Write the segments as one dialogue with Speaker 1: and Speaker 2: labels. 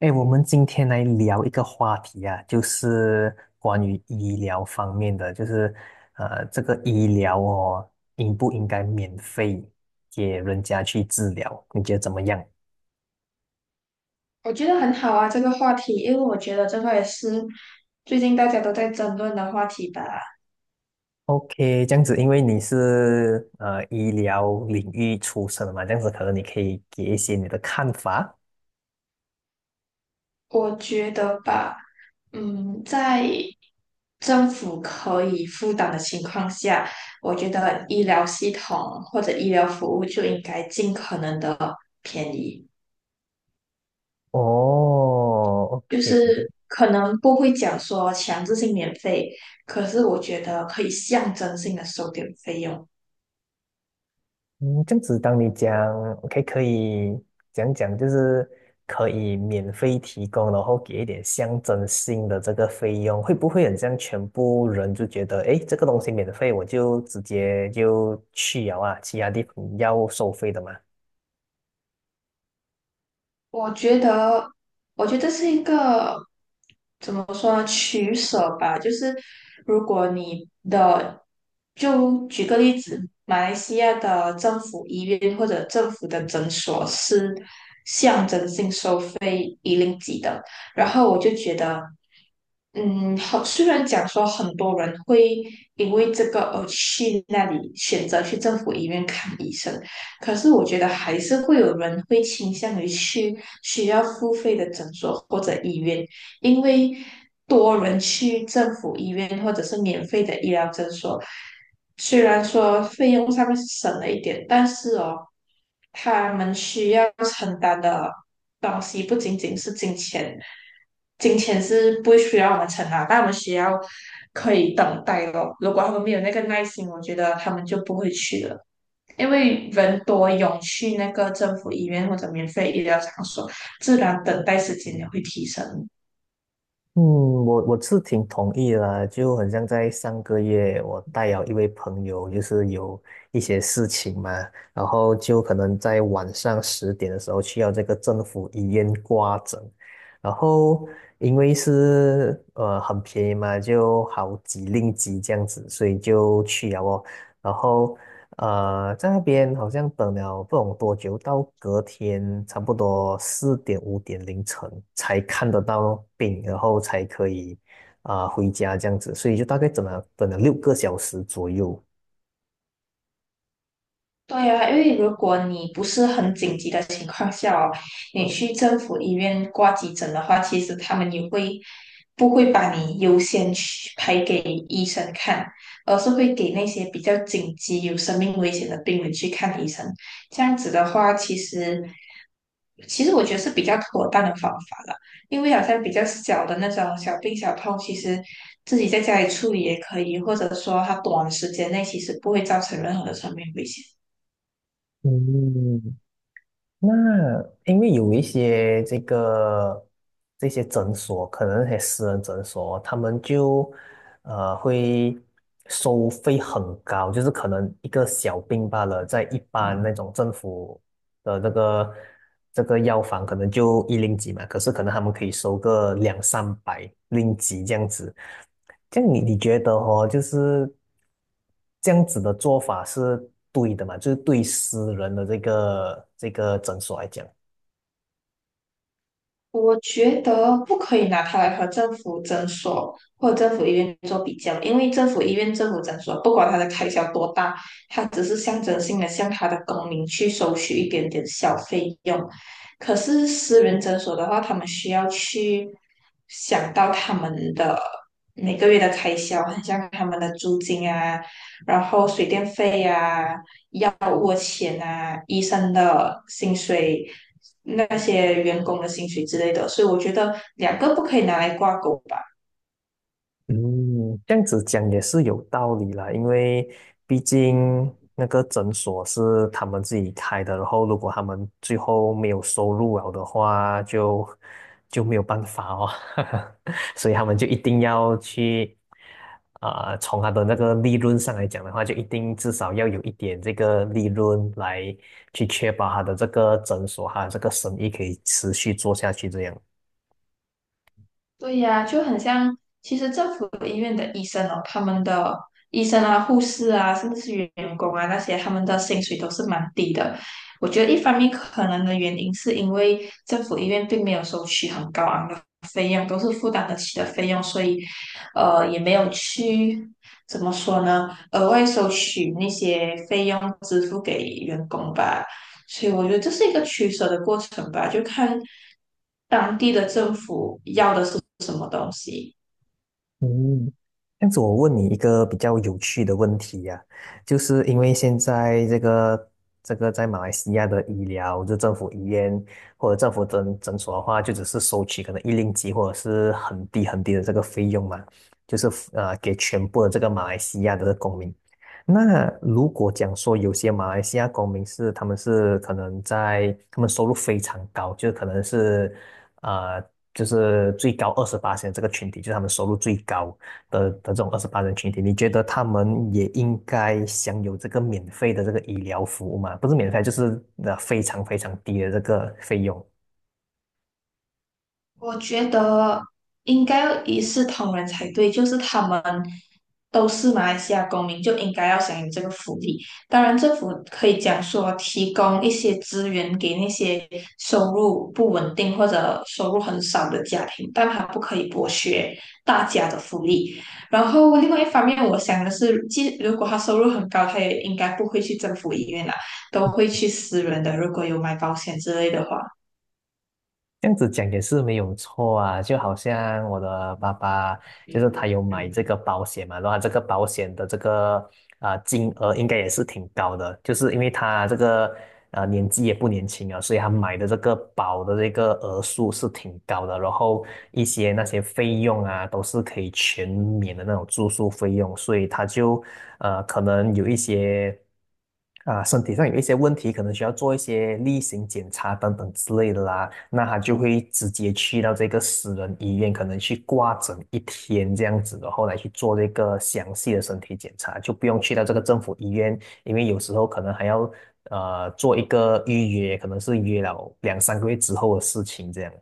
Speaker 1: 哎，我们今天来聊一个话题啊，就是关于医疗方面的，就是这个医疗哦，应不应该免费给人家去治疗？你觉得怎么样
Speaker 2: 我觉得很好啊，这个话题，因为我觉得这个也是最近大家都在争论的话题吧。
Speaker 1: ？OK，这样子，因为你是医疗领域出身的嘛，这样子可能你可以给一些你的看法。
Speaker 2: 我觉得吧，在政府可以负担的情况下，我觉得医疗系统或者医疗服务就应该尽可能的，
Speaker 1: 哦
Speaker 2: 就
Speaker 1: OK。
Speaker 2: 是可能不会讲说强制性免费，可是我觉得可以象征性的收点费用。
Speaker 1: 嗯，这样子，当你讲 OK 可以讲讲，就是可以免费提供，然后给一点象征性的这个费用，会不会很像全部人就觉得，诶，这个东西免费，我就直接就去了啊，其他地方要收费的嘛？
Speaker 2: 我觉得，我觉得是一个怎么说呢取舍吧。就是如果你的，就举个例子，马来西亚的政府医院或者政府的诊所是。己的。然后我就觉得，好，虽然讲说很多人会因为这个而去那里选择去政府医院看医生，可是我觉得还是会有人会倾向于去需要付费的诊所或者医院，因为多人去政府医院或者是免费的医疗诊所，虽然说费用上面是省了一点，但是哦，他们需要承担的东西不仅仅是金钱，金钱是不需要我们承担，但我们需要可以等待咯。如果他们没有那个耐心，我觉得他们就不会去了。因为人多涌去那个政府医院或者免费医疗场所，自然等待时间也会提升。
Speaker 1: 嗯，我是挺同意啦，就很像在上个月，我带了一位朋友，就是有一些事情嘛，然后就可能在晚上10点的时候去要这个政府医院挂诊，然后因为是很便宜嘛，就好几令几这样子，所以就去了哦。然后在那边好像等了不懂多久，到隔天差不多4点5点凌晨才看得到病，然后才可以回家这样子，所以就大概等了6个小时左右。
Speaker 2: 对啊，因为如果你不是很紧急的情况下哦，你去政府医院挂急诊的话，其实他们也会不会把你优先去排给医生看，而是会给那些比较紧急、有生命危险的病人去看医生。这样子的话，其实我觉得是比较妥当的方法了，因为好像比较小的那种小病小痛，其实自己在家里处理也可以，或者说它短时间内其实不会造成任何的生命危险。
Speaker 1: 嗯，那因为有一些这些诊所，可能那些私人诊所，他们就会收费很高，就是可能一个小病罢了，在一般那种政府的这个药房，可能就一零几嘛，可是可能他们可以收个两三百零几这样子。这样你觉得哦，就是这样子的做法是对的嘛？就是对私人的这个诊所来讲。
Speaker 2: 我觉得不可以拿它来和政府诊所或者政府医院做比较，因为政府医院、政府诊所，不管它的开销多大，它只是象征性的向它的公民去收取一点点小费用。可是私人诊所的话，他们需要去想到他们的每个月的开销，很像他们的租金啊，然后水电费呀。药物钱啊，医生的薪水、那些员工的薪水之类的，所以我觉得两个不可以拿来挂钩吧。
Speaker 1: 嗯，这样子讲也是有道理啦，因为毕竟那个诊所是他们自己开的，然后如果他们最后没有收入了的话，就没有办法哦，所以他们就一定要去，从他的那个利润上来讲的话，就一定至少要有一点这个利润来去确保他的这个诊所，他的这个生意可以持续做下去这样。
Speaker 2: 对呀，就很像，其实政府医院的医生哦，他们的医生啊、护士啊，甚至是员工啊那些，他们的薪水都是蛮低的。我觉得一方面可能的原因是因为政府医院并没有收取很高昂的费用，都是负担得起的费用，所以也没有去怎么说呢，额外收取那些费用支付给员工吧。所以我觉得这是一个取舍的过程吧，就看当地的政府要的是什么东西。
Speaker 1: 嗯，这样子我问你一个比较有趣的问题呀、就是因为现在这个在马来西亚的医疗，就政府医院或者政府诊所的话，就只是收取可能1令吉或者是很低很低的这个费用嘛，就是给全部的这个马来西亚的公民。那如果讲说有些马来西亚公民是他们是可能在他们收入非常高，就是可能是呃就是最高二十八这个群体，就是他们收入最高的这种二十八人群体，你觉得他们也应该享有这个免费的这个医疗服务吗？不是免费，就是非常非常低的这个费用。
Speaker 2: 我觉得应该要一视同仁才对，就是他们都是马来西亚公民，就应该要享有这个福利。当然，政府可以讲说提供一些资源给那些收入不稳定或者收入很少的家庭，但他不可以剥削大家的福利。然后，另外一方面，我想的是，即如果他收入很高，他也应该不会去政府医院啦，都会去私人的，如果有买保险之类的话。
Speaker 1: 这样子讲也是没有错啊，就好像我的爸爸，就是他有买这个保险嘛，然后他这个保险的这个金额应该也是挺高的，就是因为他这个年纪也不年轻啊，所以他买的这个保的这个额数是挺高的，然后一些那些费用啊都是可以全免的那种住宿费用，所以他就可能有一些。啊，身体上有一些问题，可能需要做一些例行检查等等之类的啦，那他就会直接去到这个私人医院，可能去挂诊一天这样子的，然后来去做这个详细的身体检查，就不用去到这个政府医院，因为有时候可能还要做一个预约，可能是约了两三个月之后的事情这样。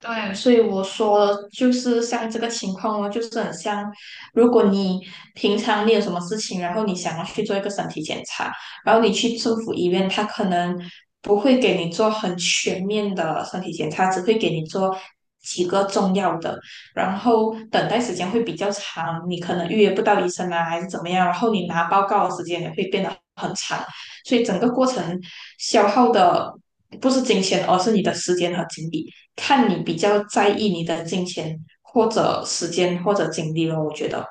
Speaker 2: 对，所以我说就是像这个情况哦，就是很像，如果你平常你有什么事情，然后你想要去做一个身体检查，然后你去政府医院，他可能不会给你做很全面的身体检查，只会给你做几个重要的，然后等待时间会比较长，你可能预约不到医生啊，还是怎么样，然后你拿报告的时间也会变得很长，所以整个过程消耗的不是金钱，而是你的时间和精力。看你比较在意你的金钱或者时间或者精力了。我觉得，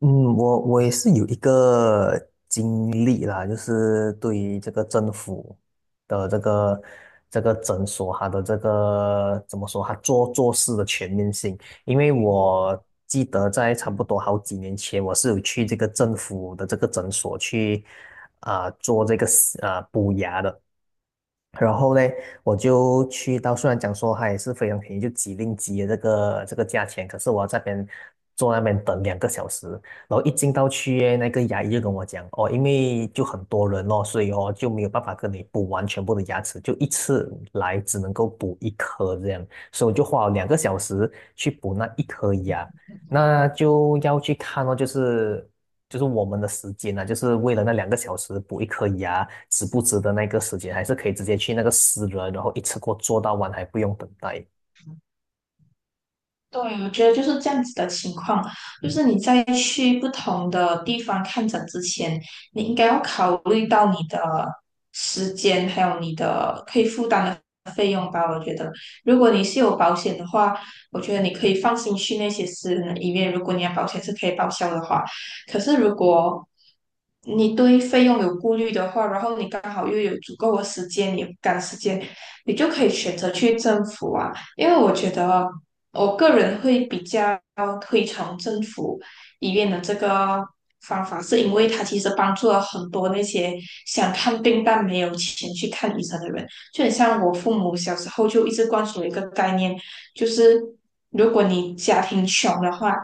Speaker 1: 嗯，我也是有一个经历啦，就是对于这个政府的这个诊所，它的这个怎么说，它做做事的全面性。因为我记得在差不多好几年前，我是有去这个政府的这个诊所去做这个补牙的。然后嘞，我就去到，虽然讲说它也是非常便宜，就几令几的这个价钱，可是我要在那边坐那边等两个小时，然后一进到去耶那个牙医就跟我讲，哦，因为就很多人哦，所以哦就没有办法跟你补完全部的牙齿，就一次来只能够补一颗这样，所以我就花了两个小时去补那一颗牙，那就要去看哦，就是我们的时间呢、就是为了那两个小时补一颗牙，值不值得那个时间，还是可以直接去那个私人，然后一次过做到完，还不用等待。
Speaker 2: 对，我觉得就是这样子的情况，就是你在去不同的地方看诊之前，你应该要考虑到你的时间，还有你的可以负担的费用吧。我觉得，如果你是有保险的话，我觉得你可以放心去那些私人的医院，如果你的保险是可以报销的话。可是如果你对费用有顾虑的话，然后你刚好又有足够的时间，也不赶时间，你就可以选择去政府啊。因为我觉得。我个人会比较推崇政府医院的这个方法，是因为它其实帮助了很多那些想看病但没有钱去看医生的人。就很像我父母小时候就一直灌输一个概念，就是如果你家庭穷的话，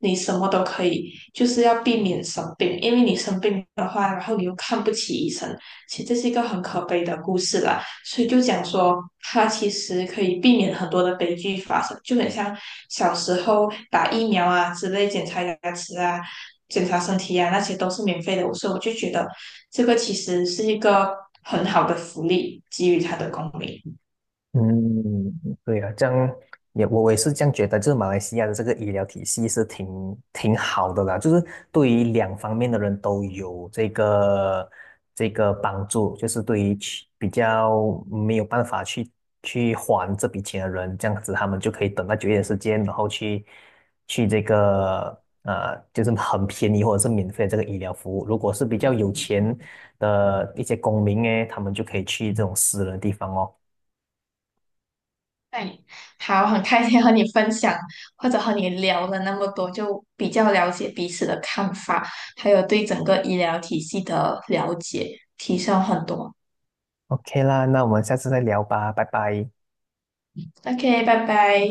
Speaker 2: 你什么都可以，就是要避免生病，因为你生病的话，然后你又看不起医生，其实这是一个很可悲的故事啦。所以就讲说，它其实可以避免很多的悲剧发生，就很像小时候打疫苗啊之类，检查牙齿啊、检查身体啊，那些都是免费的，所以我就觉得这个其实是一个很好的福利，给予他的公民。
Speaker 1: 嗯，对啊，这样也我也是这样觉得，就是马来西亚的这个医疗体系是挺好的啦，就是对于两方面的人都有这个帮助，就是对于去比较没有办法去还这笔钱的人，这样子他们就可以等到久一点时间，然后去这个就是很便宜或者是免费的这个医疗服务。如果是比较有钱的一些公民诶，他们就可以去这种私人的地方哦。
Speaker 2: 对，好，很开心和你分享，或者和你聊了那么多，就比较了解彼此的看法，还有对整个医疗体系的了解，提升很多。
Speaker 1: OK 啦，那我们下次再聊吧，拜拜。
Speaker 2: OK，拜拜。